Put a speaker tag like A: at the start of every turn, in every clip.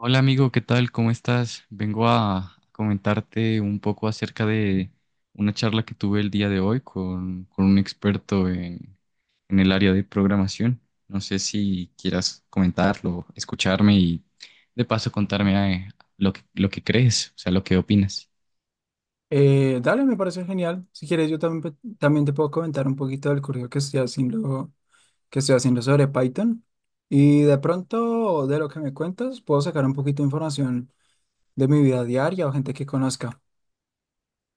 A: Hola amigo, ¿qué tal? ¿Cómo estás? Vengo a comentarte un poco acerca de una charla que tuve el día de hoy con un experto en el área de programación. No sé si quieras comentarlo, escucharme y de paso contarme lo que crees, o sea, lo que opinas.
B: Dale, me parece genial. Si quieres, yo también, también te puedo comentar un poquito del curso que estoy haciendo, sobre Python. Y de pronto, de lo que me cuentas, puedo sacar un poquito de información de mi vida diaria o gente que conozca.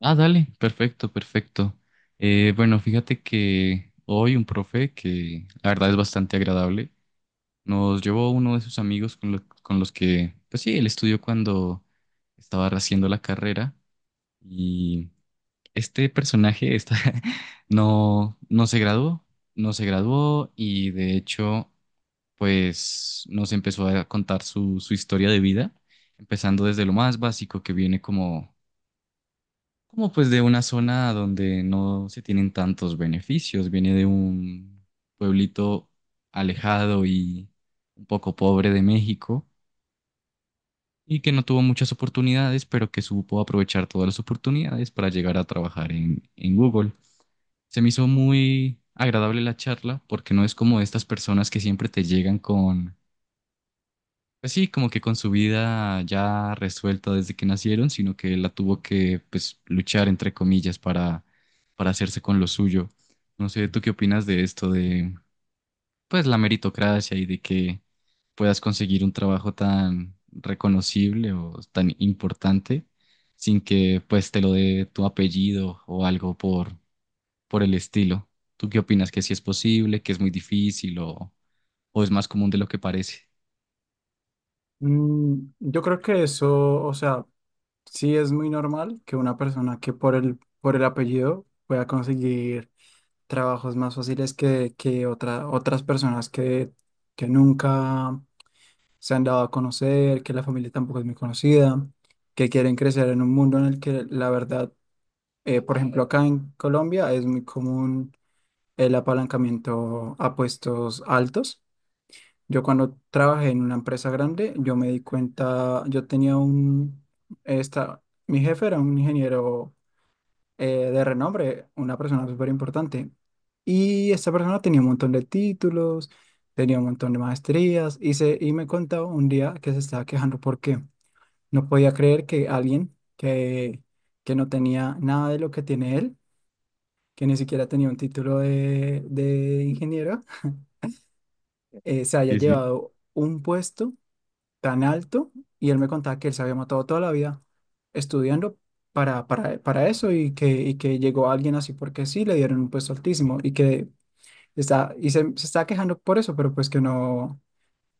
A: Ah, dale, perfecto, perfecto. Bueno, fíjate que hoy un profe que la verdad es bastante agradable. Nos llevó uno de sus amigos con los que, pues sí, él estudió cuando estaba haciendo la carrera y este personaje está, no, no se graduó, no se graduó y de hecho, pues nos empezó a contar su historia de vida, empezando desde lo más básico que viene como, como pues de una zona donde no se tienen tantos beneficios, viene de un pueblito alejado y un poco pobre de México y que no tuvo muchas oportunidades, pero que supo aprovechar todas las oportunidades para llegar a trabajar en Google. Se me hizo muy agradable la charla porque no es como estas personas que siempre te llegan con, pues sí, como que con su vida ya resuelta desde que nacieron, sino que la tuvo que, pues, luchar entre comillas para hacerse con lo suyo. No sé, ¿tú qué opinas de esto de, pues la meritocracia y de que puedas conseguir un trabajo tan reconocible o tan importante sin que pues te lo dé tu apellido o algo por el estilo? ¿Tú qué opinas? ¿Que sí es posible, que es muy difícil o es más común de lo que parece?
B: Yo creo que eso, o sea, sí es muy normal que una persona que por el apellido pueda conseguir trabajos más fáciles que otras personas que nunca se han dado a conocer, que la familia tampoco es muy conocida, que quieren crecer en un mundo en el que la verdad, por ejemplo, acá en Colombia es muy común el apalancamiento a puestos altos. Yo cuando trabajé en una empresa grande, yo me di cuenta, yo tenía un, esta, mi jefe era un ingeniero eh, de renombre, una persona súper importante. Y esta persona tenía un montón de títulos, tenía un montón de maestrías y me contaba un día que se estaba quejando porque no podía creer que que no tenía nada de lo que tiene él, que ni siquiera tenía un título de ingeniero, se haya
A: Sí, sí.
B: llevado un puesto tan alto, y él me contaba que él se había matado toda la vida estudiando para eso, y que llegó alguien así porque sí, le dieron un puesto altísimo y que se está quejando por eso, pero pues que no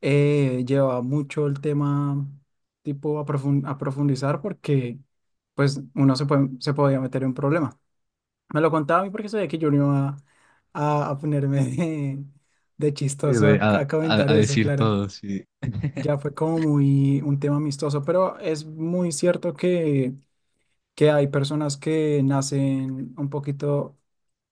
B: lleva mucho el tema tipo a profundizar porque pues se podía meter en un problema. Me lo contaba a mí porque sabía que yo no iba a ponerme de
A: Eh,
B: chistoso
A: de- A,
B: a
A: a-
B: comentar
A: a
B: eso,
A: decir
B: claro.
A: todo, sí.
B: Ya fue como muy un tema amistoso, pero es muy cierto que hay personas que nacen un poquito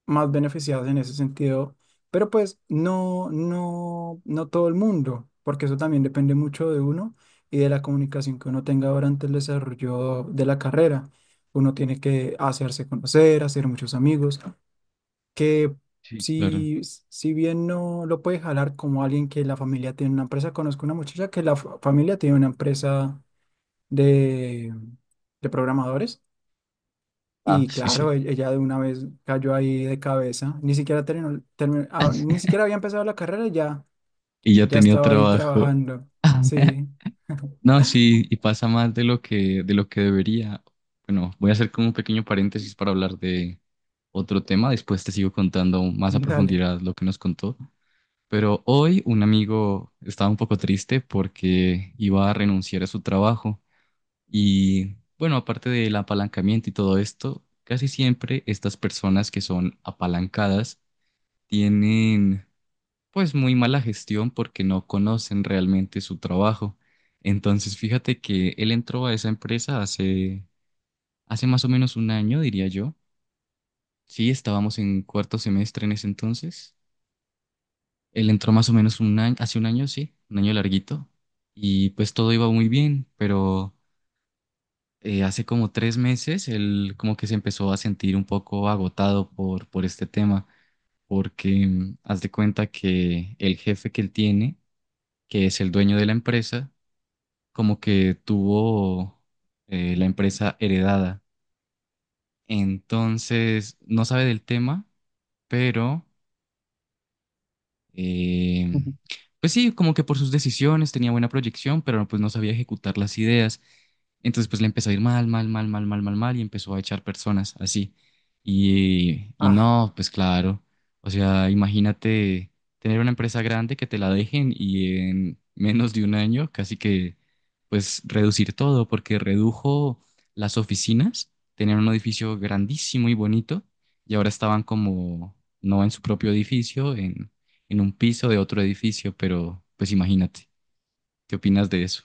B: más beneficiadas en ese sentido, pero pues no, no, no todo el mundo, porque eso también depende mucho de uno y de la comunicación que uno tenga durante el desarrollo de la carrera. Uno tiene que hacerse conocer, hacer muchos amigos que
A: Sí, claro.
B: si, si bien no lo puede jalar como alguien que la familia tiene una empresa. Conozco una muchacha que familia tiene una empresa de, de programadores,
A: Ah,
B: y
A: sí, sí.
B: claro, ella de una vez cayó ahí de cabeza. Ni siquiera terminó, ni siquiera había empezado la carrera y ya,
A: Y ya
B: ya
A: tenía
B: estaba ahí
A: trabajo.
B: trabajando. Sí.
A: No, sí, y pasa más de lo que debería. Bueno, voy a hacer como un pequeño paréntesis para hablar de otro tema. Después te sigo contando más a
B: Dale.
A: profundidad lo que nos contó. Pero hoy un amigo estaba un poco triste porque iba a renunciar a su trabajo. Y bueno, aparte del apalancamiento y todo esto, casi siempre estas personas que son apalancadas tienen pues muy mala gestión porque no conocen realmente su trabajo. Entonces, fíjate que él entró a esa empresa hace más o menos un año, diría yo. Sí, estábamos en cuarto semestre en ese entonces. Él entró más o menos un año, hace un año, sí, un año larguito. Y pues todo iba muy bien, pero hace como tres meses él como que se empezó a sentir un poco agotado por este tema, porque haz de cuenta que el jefe que él tiene, que es el dueño de la empresa, como que tuvo la empresa heredada. Entonces, no sabe del tema, pero eh,
B: Ujú.
A: pues sí, como que por sus decisiones tenía buena proyección, pero pues no sabía ejecutar las ideas. Entonces pues le empezó a ir mal, mal, mal, mal, mal, mal, mal y empezó a echar personas así. Y
B: Ah,
A: no, pues claro. O sea, imagínate tener una empresa grande que te la dejen y en menos de un año casi que pues reducir todo, porque redujo las oficinas, tenían un edificio grandísimo y bonito y ahora estaban como no en su propio edificio, en un piso de otro edificio, pero pues imagínate, ¿qué opinas de eso?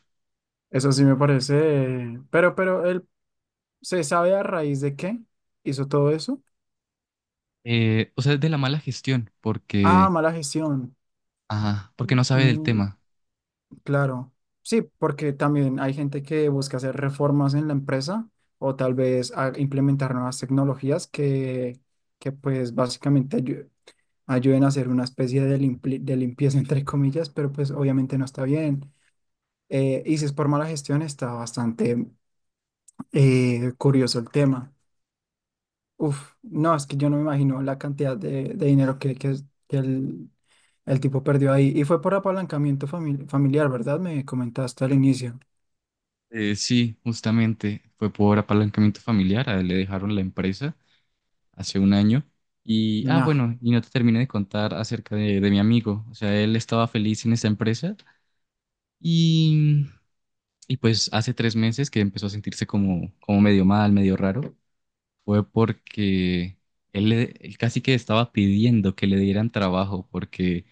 B: eso sí me parece, pero él, se sabe a raíz de qué hizo todo eso.
A: O sea, es de la mala gestión,
B: Ah,
A: porque,
B: mala gestión.
A: ajá, porque no sabe del
B: Mm,
A: tema.
B: Claro, sí, porque también hay gente que busca hacer reformas en la empresa o tal vez implementar nuevas tecnologías que pues básicamente ayuden a hacer una especie de, de limpieza entre comillas, pero pues obviamente no está bien. Y si es por mala gestión, está bastante curioso el tema. Uf, no, es que yo no me imagino la cantidad de dinero que el tipo perdió ahí. Y fue por apalancamiento familiar, ¿verdad? Me comentaste al inicio.
A: Sí, justamente fue por apalancamiento familiar, a él le dejaron la empresa hace un año. Y, ah,
B: No.
A: bueno, y no te terminé de contar acerca de mi amigo. O sea, él estaba feliz en esa empresa y, y pues hace tres meses que empezó a sentirse como, como medio mal, medio raro. Fue porque él casi que estaba pidiendo que le dieran trabajo, porque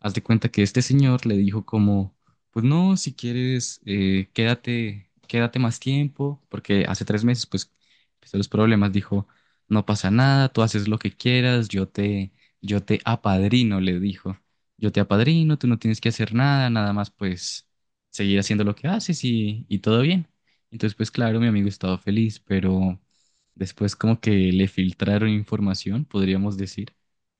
A: haz de cuenta que este señor le dijo como, pues no, si quieres, quédate, quédate más tiempo, porque hace tres meses pues empezó los problemas, dijo, no pasa nada, tú haces lo que quieras, yo te apadrino, le dijo, yo te apadrino, tú no tienes que hacer nada, nada más pues seguir haciendo lo que haces y todo bien. Entonces, pues claro, mi amigo estaba feliz, pero después como que le filtraron información, podríamos decir,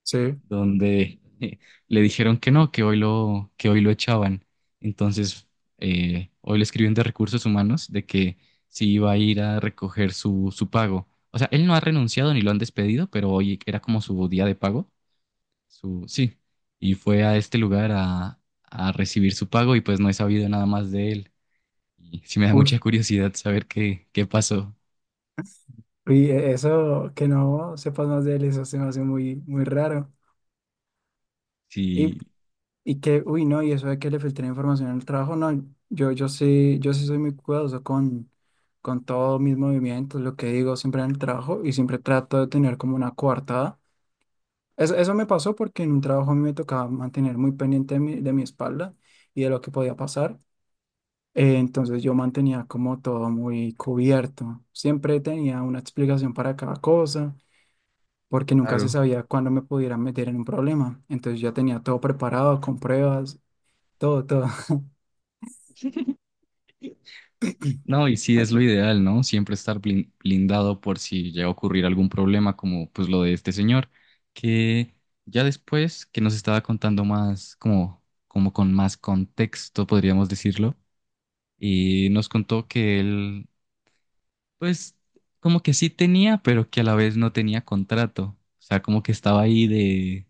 B: Sí.
A: donde le dijeron que no, que hoy lo echaban. Entonces, hoy le escribieron de recursos humanos de que sí iba a ir a recoger su pago. O sea, él no ha renunciado ni lo han despedido, pero hoy era como su día de pago, sí, y fue a este lugar a recibir su pago y pues no he sabido nada más de él. Y sí me da mucha
B: Uy,
A: curiosidad saber qué pasó.
B: uy, eso que no sepas más de él, eso se me hace muy, muy raro. Y,
A: Sí,
B: y que, uy, no, y eso de que le filtré información al trabajo, no, yo sí, yo sí soy muy cuidadoso con todos mis movimientos, lo que digo siempre en el trabajo, y siempre trato de tener como una coartada. Eso me pasó porque en un trabajo a mí me tocaba mantener muy pendiente de mi espalda y de lo que podía pasar. Entonces yo mantenía como todo muy cubierto. Siempre tenía una explicación para cada cosa, porque nunca se
A: claro.
B: sabía cuándo me pudiera meter en un problema. Entonces ya tenía todo preparado, con pruebas, todo.
A: No, y sí es lo ideal, ¿no? Siempre estar blindado por si llega a ocurrir algún problema como pues lo de este señor, que ya después que nos estaba contando más, como, como con más contexto, podríamos decirlo, y nos contó que él, pues como que sí tenía, pero que a la vez no tenía contrato, o sea, como que estaba ahí de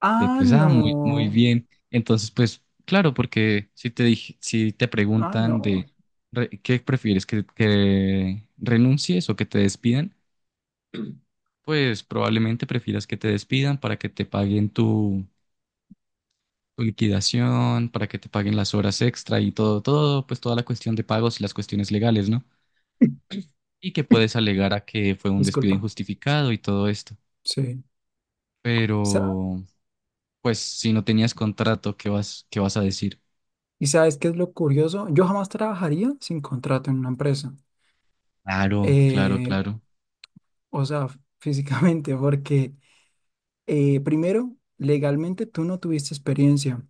B: Ah,
A: pues, ah, muy, muy
B: no,
A: bien. Entonces, pues, claro, porque si te dije, si te
B: ah,
A: preguntan
B: no.
A: de qué prefieres, que renuncies o que te despidan, pues probablemente prefieras que te despidan para que te paguen tu liquidación, para que te paguen las horas extra y todo, todo, pues toda la cuestión de pagos y las cuestiones legales, ¿no? Y que puedes alegar a que fue un despido
B: Disculpa.
A: injustificado y todo esto.
B: Sí. Sa-
A: Pero, pues, si no tenías contrato, ¿qué vas a decir?
B: ¿Y sabes qué es lo curioso? Yo jamás trabajaría sin contrato en una empresa.
A: Claro, claro,
B: Eh,
A: claro.
B: o sea, físicamente, porque primero, legalmente tú no tuviste experiencia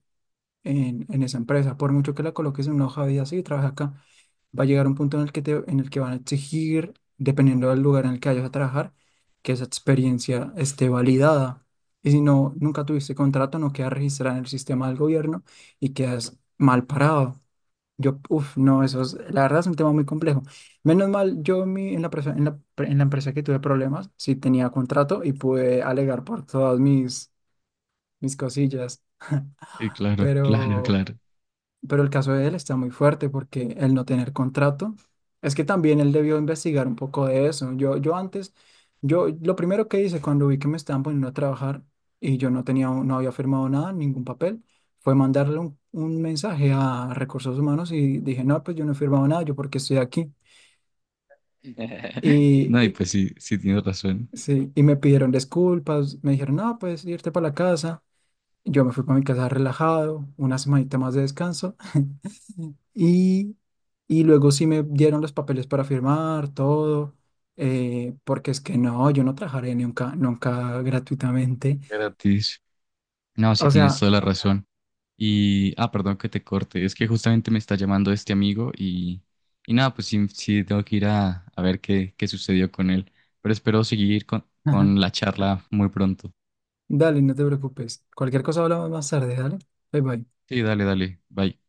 B: en esa empresa, por mucho que la coloques en una hoja de vida, sí, trabaja acá. Va a llegar un punto en el en el que van a exigir, dependiendo del lugar en el que vayas a trabajar, que esa experiencia esté validada. Y si no, nunca tuviste contrato, no queda registrada en el sistema del gobierno y quedas mal parado. Yo, uff, no, eso es, la verdad es un tema muy complejo. Menos mal, yo en en la empresa que tuve problemas, sí tenía contrato y pude alegar por todas mis cosillas.
A: Sí, claro, claro,
B: Pero
A: claro.
B: pero el caso de él está muy fuerte porque el no tener contrato, es que también él debió investigar un poco de eso. Yo antes, yo lo primero que hice cuando vi que me estaban poniendo a trabajar y yo no tenía, no había firmado nada, ningún papel, fue mandarle un mensaje a Recursos Humanos y dije, no, pues yo no he firmado nada, yo porque estoy aquí. Y,
A: No, y
B: y,
A: pues sí, sí tienes razón.
B: sí, y me pidieron disculpas, me dijeron, no, pues irte para la casa. Yo me fui para mi casa relajado, una semanita más de descanso. Y, y luego sí me dieron los papeles para firmar, todo, porque es que no, yo no trabajaré nunca, nunca gratuitamente.
A: Gratis. No, sí
B: O
A: tienes
B: sea,
A: toda la razón. Y, ah, perdón que te corte. Es que justamente me está llamando este amigo y nada, pues sí, sí tengo que ir a ver qué, qué sucedió con él. Pero espero seguir con,
B: ajá,
A: con la charla muy pronto.
B: dale, no te preocupes. Cualquier cosa hablamos más tarde, dale. Bye bye.
A: Sí, dale, dale. Bye.